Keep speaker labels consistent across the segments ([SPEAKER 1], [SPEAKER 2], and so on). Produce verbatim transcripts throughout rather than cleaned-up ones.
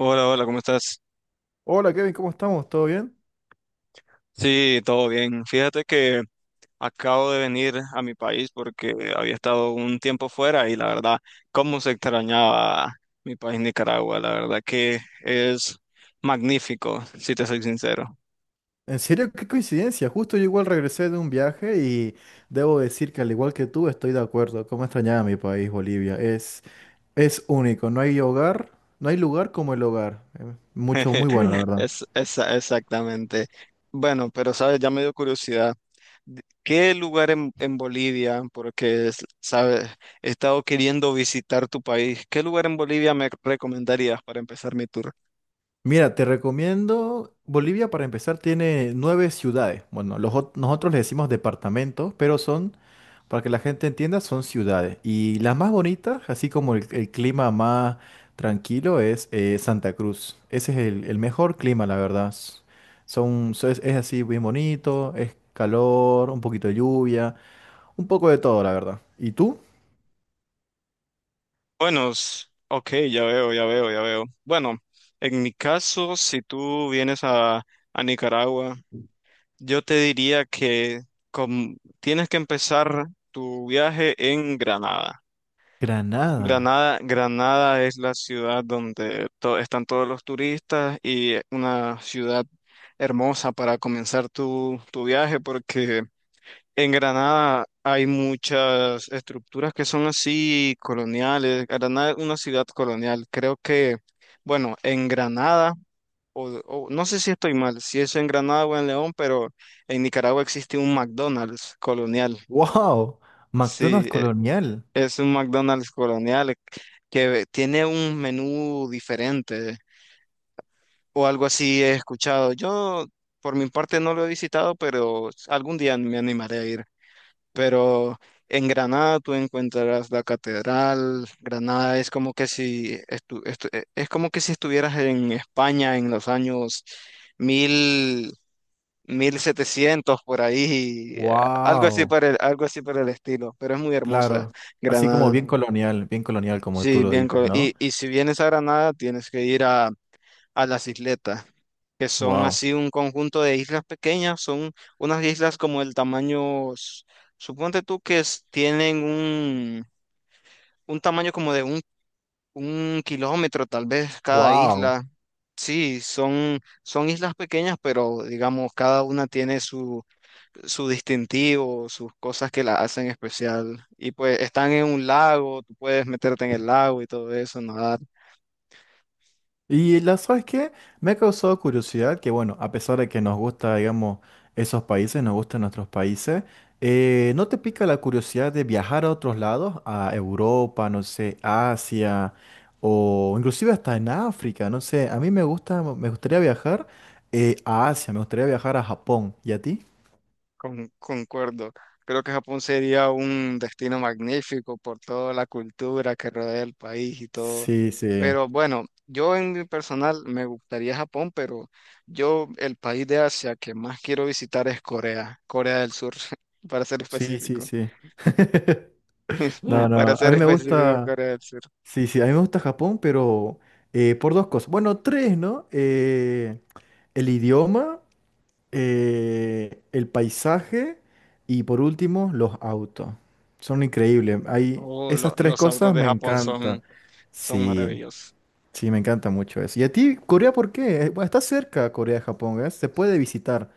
[SPEAKER 1] Hola, hola, ¿cómo estás?
[SPEAKER 2] Hola Kevin, ¿cómo estamos? ¿Todo bien?
[SPEAKER 1] Sí, todo bien. Fíjate que acabo de venir a mi país porque había estado un tiempo fuera y la verdad, cómo se extrañaba mi país Nicaragua. La verdad que es magnífico, si te soy sincero.
[SPEAKER 2] En serio, qué coincidencia. Justo yo igual regresé de un viaje y debo decir que al igual que tú estoy de acuerdo. Cómo extrañaba mi país, Bolivia. Es, es único. No hay hogar, no hay lugar como el hogar. Eh, Mucho, muy bueno, la verdad.
[SPEAKER 1] Es, es- exactamente. Bueno, pero sabes, ya me dio curiosidad. D- ¿Qué lugar en, en Bolivia? Porque, es- sabes, he estado queriendo visitar tu país. ¿Qué lugar en Bolivia me recomendarías para empezar mi tour?
[SPEAKER 2] Mira, te recomiendo, Bolivia para empezar tiene nueve ciudades. Bueno, los, ot- nosotros le decimos departamentos, pero son para que la gente entienda, son ciudades. Y las más bonitas, así como el, el clima más tranquilo, es eh, Santa Cruz. Ese es el, el mejor clima, la verdad. S- Son, so- es, es así bien bonito, es calor, un poquito de lluvia, un poco de todo, la verdad. ¿Y tú?
[SPEAKER 1] Buenos, s- ok, ya veo, ya veo, ya veo. Bueno, en mi caso, si tú vienes a, a Nicaragua, yo te diría que com- tienes que empezar tu viaje en Granada.
[SPEAKER 2] Granada.
[SPEAKER 1] Granada, Granada es la ciudad donde to- están todos los turistas y una ciudad hermosa para comenzar tu, tu viaje porque en Granada hay muchas estructuras que son así coloniales. Granada es una ciudad colonial. Creo que, bueno, en Granada, o, o- no sé si estoy mal, si es en Granada o en León, pero en Nicaragua existe un McDonald's colonial.
[SPEAKER 2] ¡Wow! McDonald's
[SPEAKER 1] Sí, e-
[SPEAKER 2] colonial.
[SPEAKER 1] es un McDonald's colonial que tiene un menú diferente o algo así he escuchado. Yo, por mi parte, no lo he visitado, pero algún día me animaré a ir. Pero en Granada tú encontrarás la catedral. Granada es como que si estu- estu- eh, es como que si estuvieras en España en los años mil mil setecientos por ahí, eh, algo así
[SPEAKER 2] ¡Wow!
[SPEAKER 1] para el, algo así para el estilo, pero es muy hermosa
[SPEAKER 2] Claro. Así como
[SPEAKER 1] Granada.
[SPEAKER 2] bien colonial, bien colonial, como tú
[SPEAKER 1] Sí,
[SPEAKER 2] lo
[SPEAKER 1] bien,
[SPEAKER 2] dices,
[SPEAKER 1] co- y,
[SPEAKER 2] ¿no?
[SPEAKER 1] y si vienes a Granada tienes que ir a a las isletas, que son
[SPEAKER 2] ¡Wow!
[SPEAKER 1] así un conjunto de islas pequeñas, son unas islas como el tamaño, s- suponte tú que es- tienen un, un tamaño como de un, un kilómetro tal vez cada
[SPEAKER 2] ¡Wow!
[SPEAKER 1] isla. Sí, son, son islas pequeñas, pero digamos, cada una tiene su, su distintivo, sus cosas que la hacen especial. Y pues están en un lago, tú puedes meterte en el lago y todo eso, nadar.
[SPEAKER 2] Y la, ¿sabes qué? Me ha causado curiosidad que, bueno, a pesar de que nos gusta, digamos, esos países, nos gustan nuestros países, eh, ¿no te pica la curiosidad de viajar a otros lados? A Europa, no sé, Asia, o inclusive hasta en África, no sé. A mí me gusta, me gustaría viajar eh, a Asia, me gustaría viajar a Japón. ¿Y a ti?
[SPEAKER 1] Con- concuerdo. Creo que Japón sería un destino magnífico por toda la cultura que rodea el país y todo.
[SPEAKER 2] Sí, sí,
[SPEAKER 1] Pero bueno, yo en mi personal me gustaría Japón, pero yo el país de Asia que más quiero visitar es Corea, Corea del Sur, para ser
[SPEAKER 2] sí, sí,
[SPEAKER 1] específico.
[SPEAKER 2] sí. No,
[SPEAKER 1] Para
[SPEAKER 2] no, a
[SPEAKER 1] ser
[SPEAKER 2] mí me
[SPEAKER 1] específico,
[SPEAKER 2] gusta.
[SPEAKER 1] Corea del Sur.
[SPEAKER 2] Sí, sí, a mí me gusta Japón, pero eh, por dos cosas. Bueno, tres, ¿no? Eh, el idioma, eh, el paisaje y por último, los autos. Son increíbles. Hay,
[SPEAKER 1] Oh, lo-
[SPEAKER 2] esas tres
[SPEAKER 1] los autos
[SPEAKER 2] cosas
[SPEAKER 1] de
[SPEAKER 2] me
[SPEAKER 1] Japón
[SPEAKER 2] encantan.
[SPEAKER 1] son, son
[SPEAKER 2] Sí,
[SPEAKER 1] maravillosos.
[SPEAKER 2] sí, me encanta mucho eso. ¿Y a ti, Corea, por qué? Eh, Bueno, está cerca Corea de Japón, ¿eh? Se puede visitar.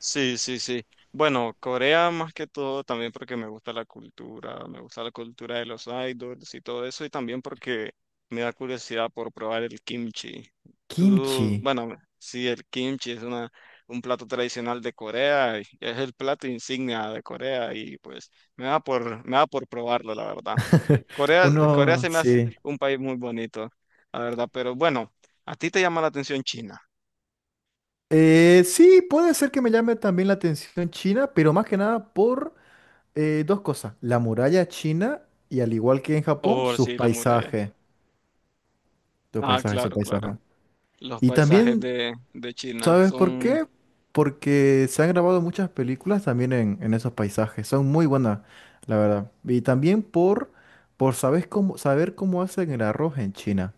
[SPEAKER 1] Sí, sí, sí. Bueno, Corea más que todo también porque me gusta la cultura, me gusta la cultura de los idols y todo eso, y también porque me da curiosidad por probar el kimchi. Tú,
[SPEAKER 2] Kimchi.
[SPEAKER 1] bueno, sí, el kimchi es una, un plato tradicional de Corea, y es el plato insignia de Corea y pues me da por, me da por probarlo, la verdad. Corea, Corea
[SPEAKER 2] Uno,
[SPEAKER 1] se me hace
[SPEAKER 2] sí.
[SPEAKER 1] un país muy bonito, la verdad, pero bueno, ¿a ti te llama la atención China?
[SPEAKER 2] Eh, sí, puede ser que me llame también la atención China, pero más que nada por Eh, dos cosas. La muralla china y al igual que en Japón,
[SPEAKER 1] Oh,
[SPEAKER 2] sus
[SPEAKER 1] sí, la muralla.
[SPEAKER 2] paisajes. Sus
[SPEAKER 1] Ah,
[SPEAKER 2] paisajes, sus
[SPEAKER 1] claro, claro.
[SPEAKER 2] paisajes.
[SPEAKER 1] Los
[SPEAKER 2] Y
[SPEAKER 1] paisajes
[SPEAKER 2] también,
[SPEAKER 1] de, de China
[SPEAKER 2] ¿sabes por
[SPEAKER 1] son,
[SPEAKER 2] qué? Porque se han grabado muchas películas también en, en esos paisajes. Son muy buenas, la verdad. Y también por, por sabes cómo, saber cómo hacen el arroz en China.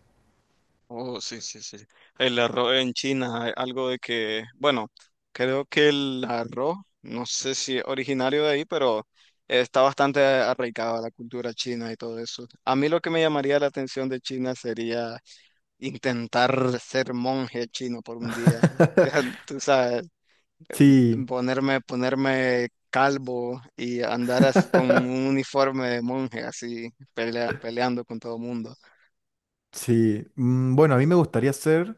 [SPEAKER 1] oh, sí, sí, sí. El arroz en China, hay algo de que, bueno, creo que el arroz, no sé si es originario de ahí, pero está bastante arraigado a la cultura china y todo eso. A mí lo que me llamaría la atención de China sería intentar ser monje chino por un día. Ya, tú sabes,
[SPEAKER 2] Sí.
[SPEAKER 1] ponerme, ponerme calvo y andar as- con un uniforme de monje así, pelea- peleando con todo mundo.
[SPEAKER 2] Sí, mm, bueno, a mí me gustaría ser,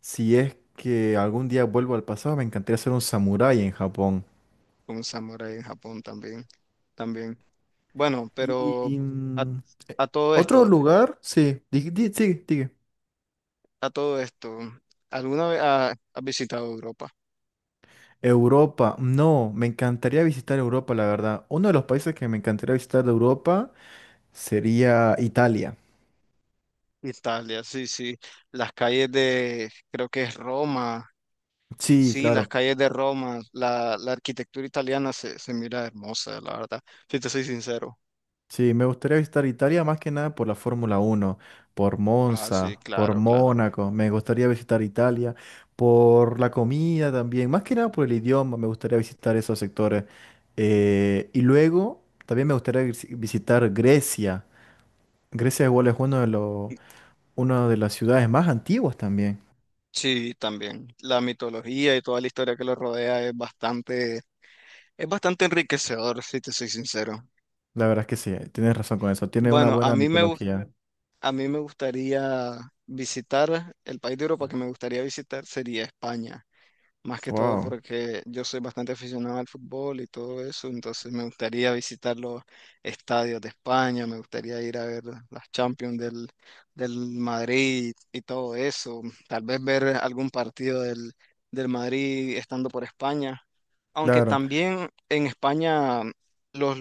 [SPEAKER 2] si es que algún día vuelvo al pasado, me encantaría ser un samurái en Japón.
[SPEAKER 1] Un samurái en Japón también, también. Bueno, pero
[SPEAKER 2] Y,
[SPEAKER 1] a, a todo
[SPEAKER 2] Otro
[SPEAKER 1] esto,
[SPEAKER 2] lugar, sí, di- di- sigue, sigue.
[SPEAKER 1] a todo esto, ¿alguna vez ha- has visitado Europa?
[SPEAKER 2] Europa, no, me encantaría visitar Europa, la verdad. Uno de los países que me encantaría visitar de Europa sería Italia.
[SPEAKER 1] Italia, sí, sí. Las calles de, creo que es Roma,
[SPEAKER 2] Sí,
[SPEAKER 1] sí, las
[SPEAKER 2] claro.
[SPEAKER 1] calles de Roma, la, la arquitectura italiana se, se mira hermosa, la verdad, si te soy sincero.
[SPEAKER 2] Sí, me gustaría visitar Italia más que nada por la Fórmula Uno por
[SPEAKER 1] Ah, sí,
[SPEAKER 2] Monza, por
[SPEAKER 1] claro, claro.
[SPEAKER 2] Mónaco. Me gustaría visitar Italia, por la comida también, más que nada por el idioma. Me gustaría visitar esos sectores. Eh, y luego también me gustaría vis- visitar Grecia. Grecia igual es uno de los una de las ciudades más antiguas también.
[SPEAKER 1] Sí, también. La mitología y toda la historia que lo rodea es bastante, es bastante enriquecedor, si te soy sincero.
[SPEAKER 2] La verdad es que sí, tienes razón con eso. Tiene una
[SPEAKER 1] Bueno, a
[SPEAKER 2] buena
[SPEAKER 1] mí me gusta.
[SPEAKER 2] mitología.
[SPEAKER 1] A mí me gustaría visitar, el país de Europa que me gustaría visitar sería España. Más que todo
[SPEAKER 2] Wow,
[SPEAKER 1] porque yo soy bastante aficionado al fútbol y todo eso, entonces me gustaría visitar los estadios de España, me gustaría ir a ver las Champions del, del Madrid y todo eso, tal vez ver algún partido del, del Madrid estando por España, aunque
[SPEAKER 2] claro.
[SPEAKER 1] también en España los...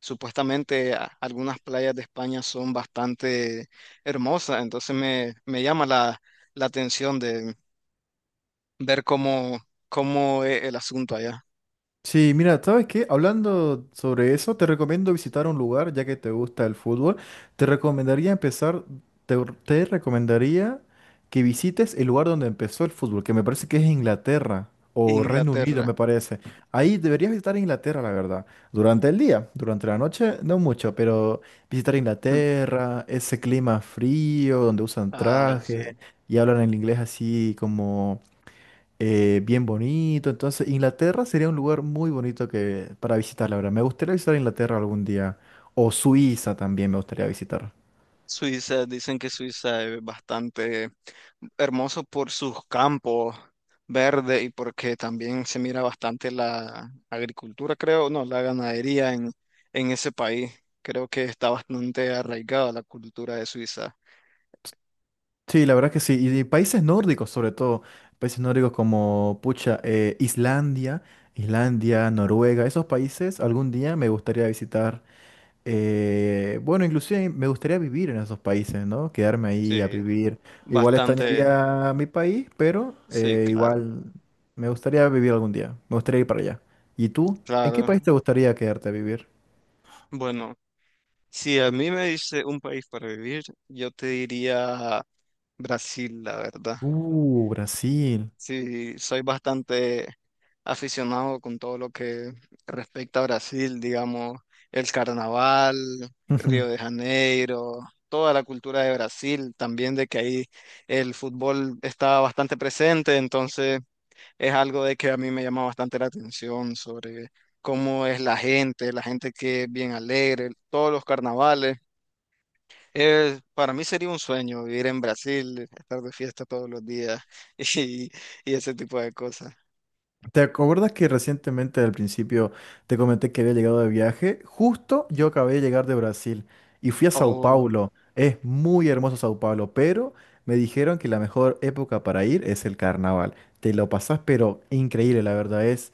[SPEAKER 1] supuestamente a- algunas playas de España son bastante hermosas, entonces me, me llama la, la atención ver cómo, cómo es el asunto allá.
[SPEAKER 2] Sí, mira, ¿sabes qué? Hablando sobre eso, te recomiendo visitar un lugar, ya que te gusta el fútbol. Te recomendaría empezar, te, te recomendaría que visites el lugar donde empezó el fútbol, que me parece que es Inglaterra o Reino Unido,
[SPEAKER 1] Inglaterra.
[SPEAKER 2] me parece. Ahí deberías visitar Inglaterra, la verdad. Durante el día, durante la noche, no mucho, pero visitar
[SPEAKER 1] Mm.
[SPEAKER 2] Inglaterra, ese clima frío donde usan
[SPEAKER 1] Ah, sí.
[SPEAKER 2] traje y hablan el inglés así eh, bien bonito. Entonces, Inglaterra sería un lugar muy bonito que, para visitar, la verdad. Me gustaría visitar Inglaterra algún día. O Suiza también me gustaría visitar.
[SPEAKER 1] Suiza, dicen que Suiza es bastante hermoso por sus campos verdes y porque también se mira bastante la agricultura, creo, no, la ganadería en, en ese país. Creo que está bastante arraigada la cultura de Suiza.
[SPEAKER 2] Sí, la verdad que sí. Y, y países nórdicos, sobre todo. Países nórdicos como, pucha, eh, Islandia, Islandia, Noruega. Esos países algún día me gustaría visitar. Eh, bueno, inclusive me gustaría vivir en esos países, ¿no? Quedarme ahí a
[SPEAKER 1] Sí,
[SPEAKER 2] vivir. Igual
[SPEAKER 1] bastante,
[SPEAKER 2] extrañaría mi país, pero
[SPEAKER 1] sí,
[SPEAKER 2] eh,
[SPEAKER 1] claro,
[SPEAKER 2] igual me gustaría vivir algún día. Me gustaría ir para allá. ¿Y tú? ¿En qué
[SPEAKER 1] claro.
[SPEAKER 2] país te gustaría quedarte a vivir?
[SPEAKER 1] Bueno. Si a mí me dice un país para vivir, yo te diría Brasil, la verdad.
[SPEAKER 2] Uh, Brasil.
[SPEAKER 1] Sí, soy bastante aficionado con todo lo que respecta a Brasil, digamos, el carnaval, Río de Janeiro, toda la cultura de Brasil, también de que ahí el fútbol está bastante presente, entonces es algo de que a mí me llama bastante la atención sobre cómo es la gente, la gente que es bien alegre, todos los carnavales. Eh, para mí sería un sueño vivir en Brasil, estar de fiesta todos los días y, y ese tipo de cosas.
[SPEAKER 2] ¿Te acuerdas que recientemente al principio te comenté que había llegado de viaje? Justo yo acabé de llegar de Brasil y fui a Sao
[SPEAKER 1] Oh,
[SPEAKER 2] Paulo. Es muy hermoso Sao Paulo, pero me dijeron que la mejor época para ir es el carnaval. Te lo pasás, pero increíble, la verdad es.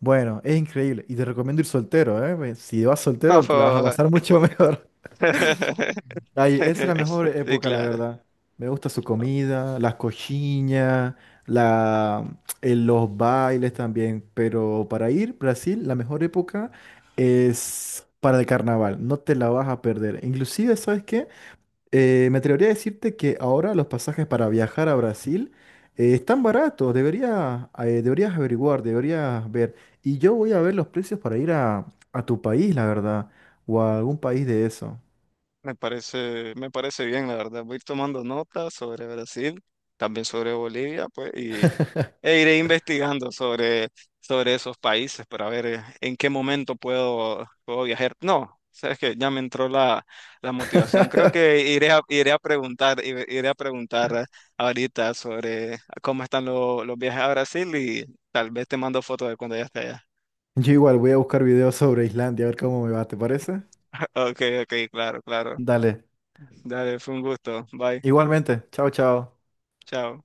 [SPEAKER 2] Bueno, es increíble. Y te recomiendo ir soltero, ¿eh? Pues, Si vas soltero, te la vas a pasar mucho mejor. Ay, esa es la mejor
[SPEAKER 1] sí,
[SPEAKER 2] época, la
[SPEAKER 1] claro.
[SPEAKER 2] verdad. Me gusta su comida, las coxinhas, la, eh, los bailes también. Pero para ir Brasil, la mejor época es para el carnaval. No te la vas a perder. Inclusive, ¿sabes qué? Eh, me atrevería a decirte que ahora los pasajes para viajar a Brasil eh, están baratos. Debería, eh, deberías averiguar, deberías ver. Y yo voy a ver los precios para ir a, a tu país, la verdad, o a algún país de eso.
[SPEAKER 1] Me parece, me parece bien, la verdad. Voy a ir tomando notas sobre Brasil, también sobre Bolivia, pues, e iré investigando sobre, sobre esos países para ver eh, en qué momento puedo, puedo viajar. No, sabes que ya me entró la, la motivación. Creo que iré a, iré a preguntar, iré iré a preguntar eh, ahorita sobre cómo están lo- los viajes a Brasil y tal vez te mando fotos de cuando ya esté allá.
[SPEAKER 2] Yo igual voy a buscar videos sobre Islandia, a ver cómo me va, ¿te parece?
[SPEAKER 1] Ok, ok, claro, claro.
[SPEAKER 2] Dale.
[SPEAKER 1] Dale, fue un gusto. Bye.
[SPEAKER 2] Igualmente. Chao, chao.
[SPEAKER 1] Chao.